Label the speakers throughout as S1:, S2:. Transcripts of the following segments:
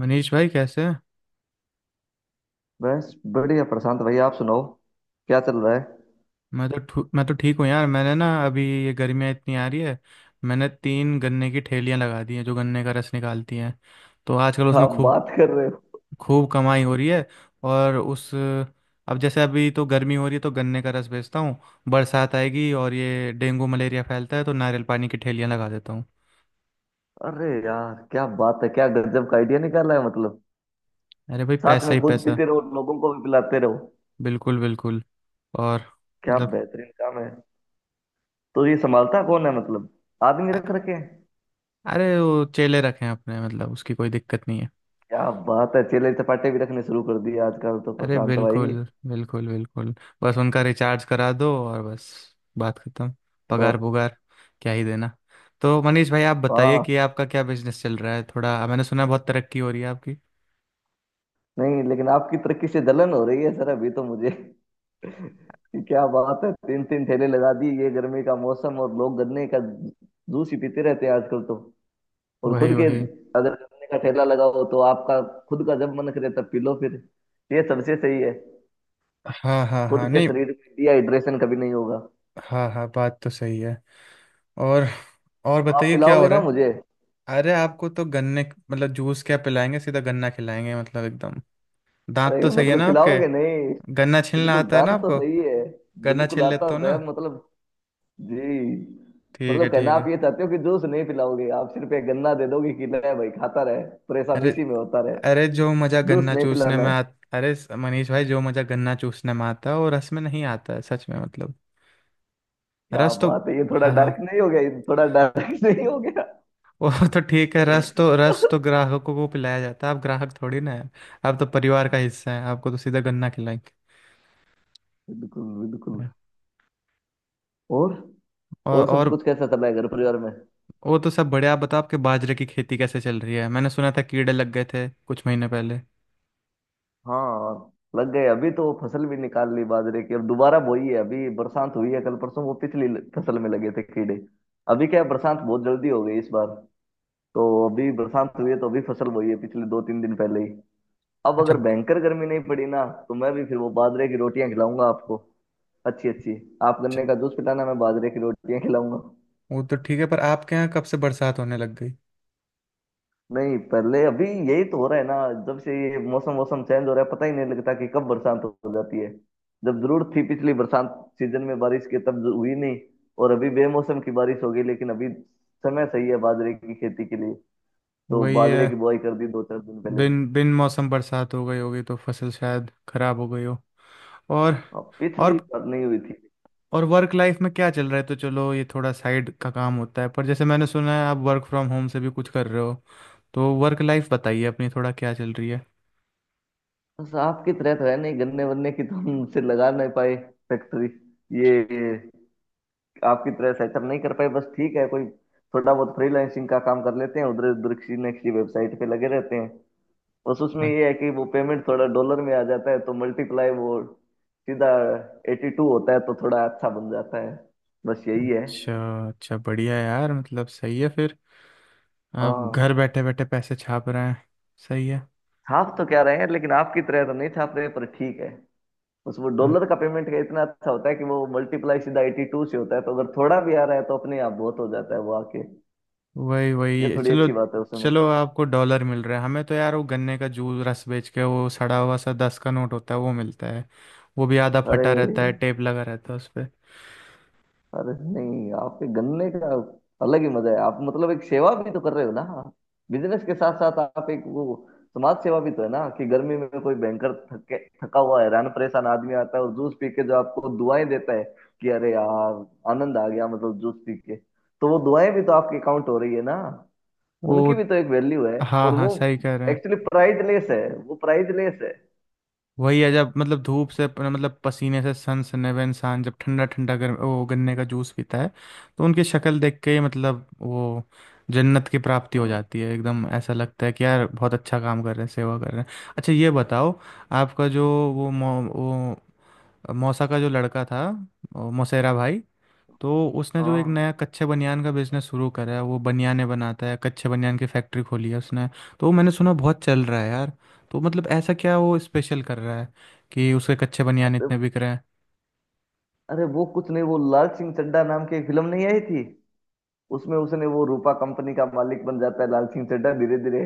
S1: मनीष भाई कैसे हैं।
S2: बस बढ़िया प्रशांत भाई। आप सुनाओ, क्या चल रहा है।
S1: मैं तो ठीक हूँ यार। मैंने ना अभी ये गर्मियाँ इतनी आ रही है। मैंने तीन गन्ने की ठेलियाँ लगा दी हैं जो गन्ने का रस निकालती हैं। तो आजकल उसमें
S2: आप
S1: खूब
S2: बात कर रहे हो?
S1: खूब कमाई हो रही है। और उस अब जैसे अभी तो गर्मी हो रही है तो गन्ने का रस बेचता हूँ। बरसात आएगी और ये डेंगू मलेरिया फैलता है तो नारियल पानी की ठेलियाँ लगा देता हूँ।
S2: अरे यार, क्या बात है! क्या गजब का आइडिया निकाला है मतलब।
S1: अरे भाई
S2: साथ
S1: पैसा
S2: में
S1: ही
S2: खुद
S1: पैसा।
S2: पीते रहो, लोगों को भी पिलाते रहो।
S1: बिल्कुल बिल्कुल। और
S2: क्या
S1: मतलब
S2: बेहतरीन काम है। तो ये संभालता कौन है मतलब? आदमी रख
S1: अ-
S2: रखे हैं?
S1: अरे वो चेले रखे हैं अपने मतलब उसकी कोई दिक्कत नहीं है।
S2: क्या बात है, चेले चपाटे भी रखने शुरू कर दिए आजकल तो
S1: अरे
S2: प्रशांत
S1: बिल्कुल।
S2: भाई।
S1: बिल्कुल बिल्कुल। बस उनका रिचार्ज करा दो और बस। बात खत्म। पगार
S2: बस।
S1: पुगार क्या ही देना। तो मनीष भाई आप बताइए कि
S2: हाँ।
S1: आपका क्या बिजनेस चल रहा है, थोड़ा मैंने सुना है बहुत तरक्की हो रही है आपकी।
S2: नहीं, लेकिन आपकी तरक्की से जलन हो रही है सर अभी तो मुझे। क्या बात है, तीन तीन ठेले लगा दिए, ये गर्मी का मौसम और लोग गन्ने का जूस ही पीते रहते हैं आजकल तो। और
S1: वही
S2: खुद के,
S1: वही।
S2: अगर गन्ने का ठेला लगाओ तो आपका खुद का जब मन करे तब पी लो फिर। ये सबसे सही है।
S1: हाँ हाँ
S2: खुद
S1: हाँ
S2: के
S1: नहीं।
S2: शरीर में डिहाइड्रेशन कभी नहीं होगा तो।
S1: हाँ हाँ बात तो सही है। और और
S2: आप
S1: बताइए क्या हो
S2: पिलाओगे ना
S1: रहा है।
S2: मुझे?
S1: अरे आपको तो गन्ने मतलब जूस क्या पिलाएंगे सीधा गन्ना खिलाएंगे मतलब एकदम। दांत
S2: अरे
S1: तो सही है
S2: मतलब
S1: ना आपके।
S2: पिलाओगे नहीं?
S1: गन्ना छीलना
S2: बिल्कुल
S1: आता है ना
S2: जान तो
S1: आपको।
S2: सही है।
S1: गन्ना
S2: बिल्कुल
S1: छील
S2: आता
S1: लेते हो
S2: तो
S1: ना।
S2: है मतलब। जी।
S1: ठीक है
S2: मतलब कहना
S1: ठीक
S2: आप
S1: है।
S2: ये चाहते हो कि जूस नहीं पिलाओगे, आप सिर्फ एक गन्ना दे दोगे कि ले भाई खाता रहे, परेशान
S1: अरे
S2: इसी में होता।
S1: अरे जो मजा
S2: जूस
S1: गन्ना
S2: नहीं
S1: चूसने
S2: पिलाना
S1: में
S2: है।
S1: आ। अरे मनीष भाई जो मजा गन्ना चूसने में आता है वो रस में नहीं आता है सच में मतलब।
S2: क्या
S1: रस तो
S2: बात है, ये थोड़ा
S1: हाँ हाँ।
S2: डार्क नहीं हो गया? ये थोड़ा डार्क नहीं हो गया?
S1: वो तो ठीक है रस तो ग्राहकों को पिलाया जाता है। आप ग्राहक थोड़ी ना है। आप तो परिवार का हिस्सा है आपको तो सीधा गन्ना खिलाएंगे।
S2: बिल्कुल बिल्कुल। और
S1: और
S2: और सब
S1: और।
S2: कुछ कैसा चला है घर परिवार में?
S1: वो तो सब बढ़िया आप बताओ आपके बाजरे की खेती कैसे चल रही है, मैंने सुना था कीड़े लग गए थे कुछ महीने पहले।
S2: हाँ, लग गए। अभी तो फसल भी निकाल ली बाजरे की, अब दोबारा बोई है। अभी बरसात हुई है कल परसों। वो पिछली फसल में लगे थे कीड़े। अभी क्या है, बरसात बहुत जल्दी हो गई इस बार, तो अभी बरसात हुई है तो अभी फसल बोई है पिछले दो तीन दिन पहले ही। अब
S1: अच्छा।
S2: अगर भयंकर गर्मी नहीं पड़ी ना तो मैं भी फिर वो बाजरे की रोटियां खिलाऊंगा आपको। अच्छी अच्छी। आप
S1: च-
S2: गन्ने का जूस पिलाना, मैं बाजरे की रोटियां खिलाऊंगा।
S1: वो तो ठीक है पर आपके यहाँ कब से बरसात होने लग गई।
S2: नहीं पहले अभी यही तो हो रहा है ना। जब से ये मौसम मौसम चेंज हो रहा है पता ही नहीं लगता कि कब बरसात हो जाती है। जब जरूरत थी पिछली बरसात सीजन में बारिश की, तब हुई नहीं, और अभी बेमौसम की बारिश हो गई, लेकिन अभी समय सही है बाजरे की खेती के लिए। तो
S1: वही
S2: बाजरे की
S1: है।
S2: बुआई कर दी दो चार दिन पहले।
S1: बिन बिन मौसम बरसात हो गई होगी तो फसल शायद खराब हो गई हो। और
S2: अब
S1: और।
S2: पिछली बार नहीं हुई थी।
S1: और वर्क लाइफ में क्या चल रहा है, तो चलो ये थोड़ा साइड का काम होता है पर जैसे मैंने सुना है आप वर्क फ्रॉम होम से भी कुछ कर रहे हो। तो वर्क लाइफ बताइए अपनी थोड़ा क्या चल रही है।
S2: बस आपकी तरह तो है नहीं, गन्ने वन्ने की तो हम से लगा नहीं पाए फैक्ट्री। ये आपकी तरह सेटअप नहीं कर पाए, बस ठीक है कोई। थोड़ा बहुत फ्रीलांसिंग का काम कर लेते हैं, उधर उधर किसी न किसी वेबसाइट पे लगे रहते हैं। बस उसमें
S1: अ-
S2: ये है कि वो पेमेंट थोड़ा डॉलर में आ जाता है तो मल्टीप्लाई वो सीधा एटी टू होता है तो थोड़ा अच्छा बन जाता है। बस यही है।
S1: अच्छा अच्छा बढ़िया यार मतलब सही है फिर। आप घर
S2: हाँ,
S1: बैठे बैठे पैसे छाप रहे हैं। सही है।
S2: छाप तो क्या रहे हैं लेकिन आपकी तरह तो नहीं छाप रहे, पर ठीक है। बस वो डॉलर का पेमेंट का इतना अच्छा होता है कि वो मल्टीप्लाई सीधा एटी टू से होता है, तो अगर थोड़ा भी आ रहा है तो अपने आप बहुत हो जाता है वो आके।
S1: वही
S2: ये
S1: वही
S2: थोड़ी
S1: चलो।
S2: अच्छी बात है उसमें।
S1: चलो आपको डॉलर मिल रहा है हमें तो यार वो गन्ने का जूस रस बेच के वो सड़ा हुआ सा 10 का नोट होता है वो मिलता है। वो भी आधा
S2: अरे
S1: फटा रहता है टेप लगा रहता है उस पे।
S2: अरे नहीं, आपके गन्ने का अलग ही मजा है। आप मतलब एक सेवा भी तो कर रहे हो ना, बिजनेस के साथ साथ। आप एक वो समाज सेवा भी तो है ना, कि गर्मी में कोई भयंकर थके थका हुआ हैरान परेशान आदमी आता है और जूस पी के जो आपको दुआएं देता है कि अरे यार आनंद आ गया मतलब जूस पी के, तो वो दुआएं भी तो आपके काउंट हो रही है ना।
S1: वो
S2: उनकी भी तो एक वैल्यू है,
S1: हाँ
S2: और
S1: हाँ
S2: वो
S1: सही कह रहे हैं।
S2: एक्चुअली प्राइजलेस है। वो प्राइजलेस है।
S1: वही है जब मतलब धूप से मतलब पसीने से सनसने हुए इंसान जब ठंडा ठंडा गर्म वो गन्ने का जूस पीता है। तो उनकी शक्ल देख के ही मतलब वो जन्नत की प्राप्ति हो
S2: हाँ
S1: जाती है एकदम ऐसा लगता है कि यार बहुत अच्छा काम कर रहे हैं सेवा कर रहे हैं। अच्छा ये बताओ। आपका जो वो मौसा का जो लड़का था। मौसेरा भाई। तो उसने जो एक
S2: हाँ।
S1: नया कच्चे बनियान का बिजनेस शुरू करा है वो बनियाने बनाता है कच्चे बनियान की फैक्ट्री खोली है उसने। तो वो मैंने सुना बहुत चल रहा है यार। तो मतलब ऐसा क्या वो स्पेशल कर रहा है कि उसके कच्चे बनियान
S2: तो-
S1: इतने बिक रहे हैं।
S2: अरे वो कुछ नहीं, वो लाल सिंह चड्ढा नाम की एक फिल्म नहीं आई थी? उसमें उसने वो रूपा कंपनी का मालिक बन जाता है लाल सिंह चड्ढा, धीरे धीरे।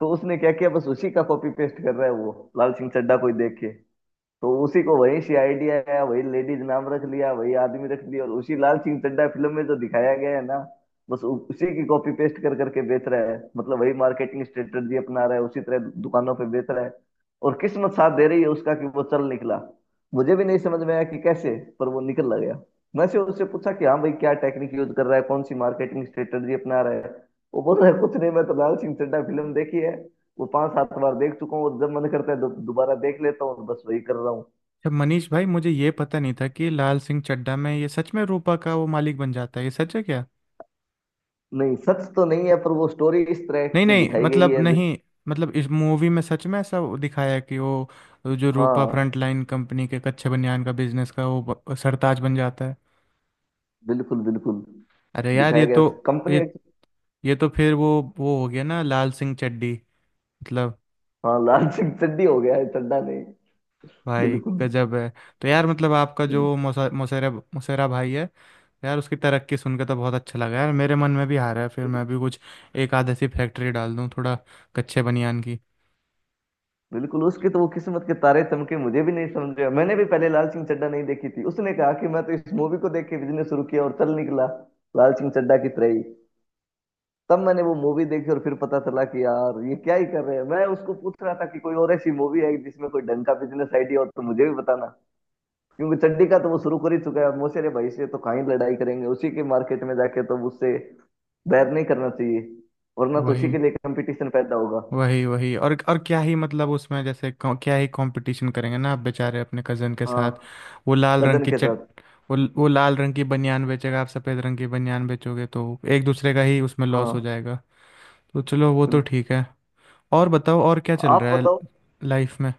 S2: तो उसने क्या किया, बस उसी का कॉपी पेस्ट कर रहा है वो। लाल सिंह चड्ढा कोई देख के, तो उसी को वही सी आइडिया आया, वही लेडीज नाम रख लिया, वही आदमी रख लिया, और उसी लाल सिंह चड्ढा फिल्म में जो दिखाया गया है ना, बस उसी की कॉपी पेस्ट कर करके बेच रहा है। मतलब वही मार्केटिंग स्ट्रेटजी अपना रहा है, उसी तरह दुकानों पे बेच रहा है। और किस्मत साथ दे रही है उसका कि वो चल निकला। मुझे भी नहीं समझ में आया कि कैसे, पर वो निकल गया। मैं से उससे पूछा कि हाँ भाई क्या टेक्निक यूज कर रहा है, कौन सी मार्केटिंग स्ट्रेटजी अपना रहा है। वो बोल रहा है कुछ नहीं, मैं तो लाल सिंह चड्ढा फिल्म देखी है, वो पांच सात बार देख चुका हूँ और जब मन करता है दोबारा देख लेता हूँ, और बस वही कर रहा हूँ।
S1: अच्छा मनीष भाई मुझे ये पता नहीं था कि लाल सिंह चड्ढा में ये सच में रूपा का वो मालिक बन जाता है, ये सच है क्या।
S2: नहीं सच तो नहीं है, पर वो स्टोरी इस तरह
S1: नहीं
S2: से
S1: नहीं
S2: दिखाई गई
S1: मतलब
S2: है।
S1: नहीं। मतलब इस मूवी में सच में ऐसा दिखाया है कि वो जो रूपा फ्रंट
S2: हाँ
S1: लाइन कंपनी के कच्चे बनियान का बिजनेस का वो सरताज बन जाता है।
S2: बिल्कुल बिल्कुल।
S1: अरे यार
S2: दिखाया
S1: ये
S2: गया
S1: तो।
S2: कंपनी।
S1: ये ये तो फिर वो हो गया ना लाल सिंह चड्ढी। मतलब।
S2: हाँ, लाल सिंह चड्ढी हो गया है, चड्ढा नहीं।
S1: भाई
S2: बिल्कुल।
S1: गजब है। तो यार मतलब आपका जो मुसेरा मुसेरा भाई है। यार उसकी तरक्की सुन के तो बहुत अच्छा लगा यार मेरे मन में भी आ रहा है फिर मैं भी कुछ एक आध ऐसी फैक्ट्री डाल दूँ थोड़ा कच्चे बनियान की।
S2: बिल्कुल, उसके तो वो किस्मत के तारे चमके, मुझे भी नहीं समझ में आया। मैंने भी पहले लाल सिंह चड्ढा नहीं देखी थी, उसने कहा कि मैं तो इस मूवी को देख के बिजनेस शुरू किया और चल निकला लाल सिंह चड्ढा की तरह ही। तब मैंने वो मूवी देखी और फिर पता चला कि यार ये क्या ही कर रहे हैं। मैं उसको पूछ रहा था कि कोई और ऐसी मूवी है जिसमें कोई ढंग का बिजनेस आइडिया हो तो मुझे भी बताना, क्योंकि चड्डी का तो वो शुरू कर ही चुका है मोसेरे भाई से, तो कहीं लड़ाई करेंगे उसी के मार्केट में जाके, तो उससे बैर नहीं करना चाहिए, वरना तो उसी
S1: वही
S2: के लिए कंपटीशन पैदा होगा।
S1: वही वही। और क्या ही मतलब उसमें जैसे क्या ही कंपटीशन करेंगे ना आप बेचारे अपने कजन के साथ।
S2: हाँ,
S1: वो लाल रंग
S2: कजन
S1: की
S2: के
S1: चट।
S2: साथ।
S1: वो लाल रंग की बनियान बेचेगा आप सफ़ेद रंग की बनियान बेचोगे तो एक दूसरे का ही उसमें लॉस हो
S2: हाँ।
S1: जाएगा। तो चलो वो तो
S2: बिल्कुल।
S1: ठीक है। और बताओ और क्या चल
S2: आप
S1: रहा है
S2: बताओ।
S1: लाइफ में।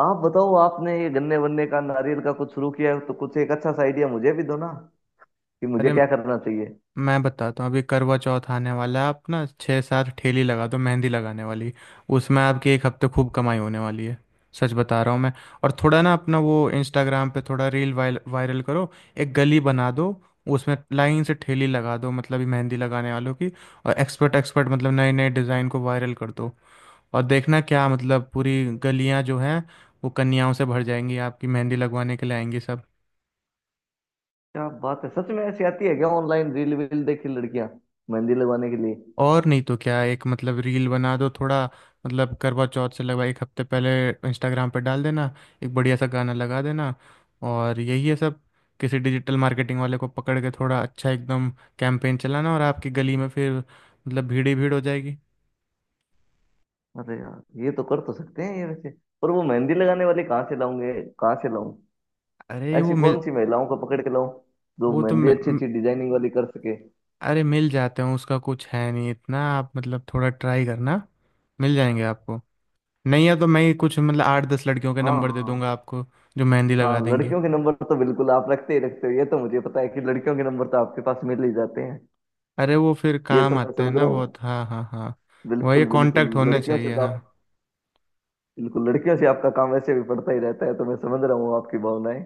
S2: आप बताओ, आपने ये गन्ने वन्ने का नारियल का कुछ शुरू किया है तो कुछ एक अच्छा सा आइडिया मुझे भी दो ना, कि मुझे
S1: अरे
S2: क्या करना चाहिए।
S1: मैं बताता हूँ अभी करवा चौथ आने वाला है आप ना छः सात ठेली लगा दो मेहंदी लगाने वाली। उसमें आपकी एक हफ्ते खूब कमाई होने वाली है। सच बता रहा हूँ मैं। और थोड़ा ना अपना वो इंस्टाग्राम पे थोड़ा रील वायल वायरल करो। एक गली बना दो। उसमें लाइन से ठेली लगा दो मतलब ये मेहंदी लगाने वालों की। और एक्सपर्ट एक्सपर्ट मतलब नए नए डिज़ाइन को वायरल कर दो। और देखना क्या मतलब पूरी गलियाँ जो हैं वो कन्याओं से भर जाएंगी आपकी मेहंदी लगवाने के लिए आएंगी सब।
S2: क्या बात है, सच में ऐसी आती है क्या, ऑनलाइन रील वील देखी लड़कियां मेहंदी लगवाने के लिए?
S1: और नहीं तो क्या एक मतलब रील बना दो थोड़ा मतलब करवा चौथ से लगभग एक हफ्ते पहले इंस्टाग्राम पे डाल देना। एक बढ़िया सा गाना लगा देना। और यही है सब। किसी डिजिटल मार्केटिंग वाले को पकड़ के थोड़ा अच्छा एकदम कैंपेन चलाना और आपकी गली में फिर मतलब भीड़ ही भीड़ हो जाएगी।
S2: अरे यार, ये तो कर तो सकते हैं ये वैसे, पर वो मेहंदी लगाने वाले कहाँ से लाऊंगे कहाँ से लाऊं?
S1: अरे वो
S2: ऐसी
S1: मिल।
S2: कौन सी महिलाओं को पकड़ के लाऊं जो
S1: वो तो
S2: मेहंदी अच्छी अच्छी डिजाइनिंग वाली कर सके?
S1: अरे मिल जाते हैं उसका कुछ है नहीं इतना आप मतलब थोड़ा ट्राई करना। मिल जाएंगे आपको। नहीं है तो मैं ही कुछ मतलब आठ दस लड़कियों के
S2: हाँ
S1: नंबर दे
S2: हाँ
S1: दूंगा आपको जो मेहंदी
S2: हाँ,
S1: लगा देंगे।
S2: लड़कियों के नंबर तो बिल्कुल आप रखते ही रखते हो, ये तो मुझे पता है कि लड़कियों के नंबर तो आपके पास मिल ही जाते हैं।
S1: अरे वो फिर
S2: ये तो
S1: काम
S2: मैं
S1: आते हैं
S2: समझ
S1: ना
S2: रहा हूँ।
S1: बहुत हाँ हाँ हाँ। वही
S2: बिल्कुल बिल्कुल,
S1: कांटेक्ट होने
S2: लड़कियों से
S1: चाहिए
S2: तो
S1: हाँ।
S2: आप। बिल्कुल, लड़कियों से आपका काम वैसे भी पड़ता ही रहता है, तो मैं समझ रहा हूँ आपकी भावनाएं।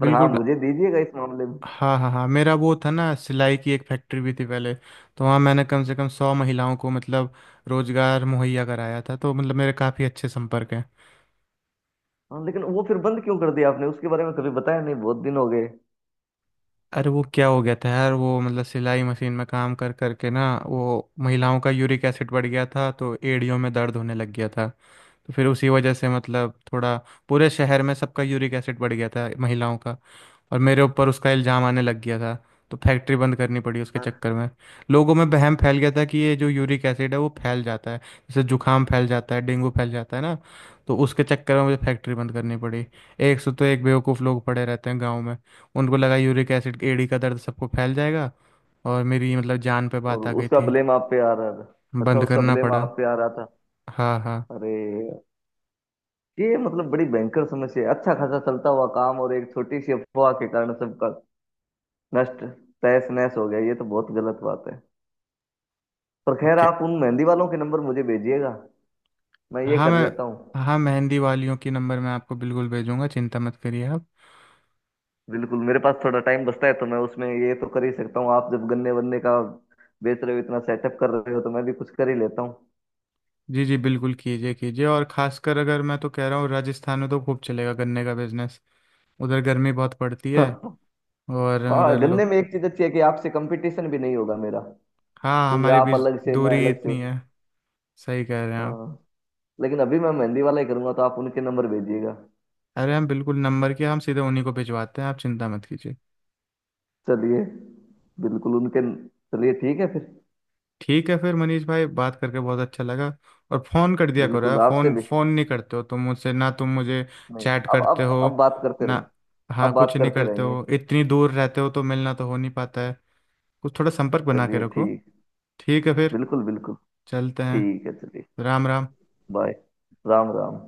S2: पर हाँ,
S1: बिल्कुल
S2: मुझे दीजिएगा इस मामले में।
S1: हाँ हाँ हाँ मेरा वो था ना सिलाई की एक फैक्ट्री भी थी पहले तो वहाँ मैंने कम से कम 100 महिलाओं को मतलब रोजगार मुहैया कराया था तो मतलब मेरे काफ़ी अच्छे संपर्क हैं।
S2: हाँ, लेकिन वो फिर बंद क्यों कर दिया? आपने उसके बारे में कभी बताया नहीं, बहुत दिन हो गए।
S1: अरे वो क्या हो गया था यार वो मतलब सिलाई मशीन में काम कर करके ना वो महिलाओं का यूरिक एसिड बढ़ गया था तो एड़ियों में दर्द होने लग गया था। तो फिर उसी वजह से मतलब थोड़ा पूरे शहर में सबका यूरिक एसिड बढ़ गया था महिलाओं का। और मेरे ऊपर उसका इल्ज़ाम आने लग गया था। तो फैक्ट्री बंद करनी पड़ी उसके
S2: और
S1: चक्कर में। लोगों में वहम फैल गया था कि ये जो यूरिक एसिड है वो फैल जाता है जैसे जुकाम फैल जाता है डेंगू फैल जाता है ना। तो उसके चक्कर में मुझे फैक्ट्री बंद करनी पड़ी। एक से तो एक बेवकूफ़ लोग पड़े रहते हैं गाँव में। उनको लगा यूरिक एसिड एड़ी का दर्द सबको फैल जाएगा। और मेरी मतलब जान पे
S2: और
S1: बात आ गई
S2: उसका
S1: थी।
S2: ब्लेम आप पे आ रहा था। अच्छा,
S1: बंद
S2: उसका
S1: करना
S2: ब्लेम
S1: पड़ा।
S2: आप पे आ रहा था।
S1: हाँ हाँ।
S2: अरे, ये मतलब बड़ी भयंकर समस्या है, अच्छा खासा चलता हुआ काम और एक छोटी सी अफवाह के कारण सबका नष्ट तहस नहस हो गया। ये तो बहुत गलत बात है। पर
S1: अब
S2: खैर,
S1: क्या।
S2: आप उन मेहंदी वालों के नंबर मुझे भेजिएगा, मैं ये
S1: हाँ
S2: कर
S1: मैं।
S2: लेता हूँ।
S1: हाँ मेहंदी वालियों की नंबर मैं आपको बिल्कुल भेजूंगा चिंता मत करिए आप।
S2: बिल्कुल, मेरे पास थोड़ा टाइम बचता है तो मैं उसमें ये तो कर ही सकता हूँ। आप जब गन्ने वन्ने का बेच रहे हो, इतना सेटअप कर रहे हो, तो मैं भी कुछ कर ही लेता
S1: जी जी बिल्कुल कीजिए कीजिए और खासकर अगर मैं तो कह रहा हूँ राजस्थान में तो खूब चलेगा गन्ने का बिजनेस। उधर गर्मी बहुत पड़ती है।
S2: हूँ।
S1: और
S2: हाँ,
S1: उधर
S2: गन्ने
S1: लो।
S2: में एक चीज अच्छी है कि आपसे कंपटीशन भी नहीं होगा मेरा,
S1: हाँ
S2: क्योंकि
S1: हमारे
S2: आप
S1: बीच
S2: अलग से मैं
S1: दूरी
S2: अलग से।
S1: इतनी है। सही कह रहे हैं आप।
S2: हाँ, लेकिन अभी मैं मेहंदी वाला ही करूंगा, तो आप उनके नंबर भेजिएगा।
S1: अरे हम बिल्कुल नंबर के हम सीधे उन्हीं को भिजवाते हैं आप चिंता मत कीजिए।
S2: चलिए, बिल्कुल उनके। चलिए ठीक है फिर।
S1: ठीक है फिर मनीष भाई बात करके बहुत अच्छा लगा। और फ़ोन कर दिया करो यार
S2: बिल्कुल आपसे
S1: फ़ोन
S2: भी।
S1: फ़ोन नहीं करते हो तुम मुझसे ना तुम मुझे
S2: नहीं,
S1: चैट
S2: अब
S1: करते हो
S2: अब अब बात करते
S1: ना।
S2: रहेंगे। अब
S1: हाँ
S2: बात
S1: कुछ नहीं
S2: करते
S1: करते
S2: रहेंगे।
S1: हो इतनी दूर रहते हो तो मिलना तो हो नहीं पाता है। कुछ थोड़ा संपर्क बना के
S2: चलिए
S1: रखो।
S2: ठीक।
S1: ठीक है फिर
S2: बिल्कुल बिल्कुल।
S1: चलते हैं।
S2: ठीक है चलिए।
S1: राम राम।
S2: बाय। राम राम।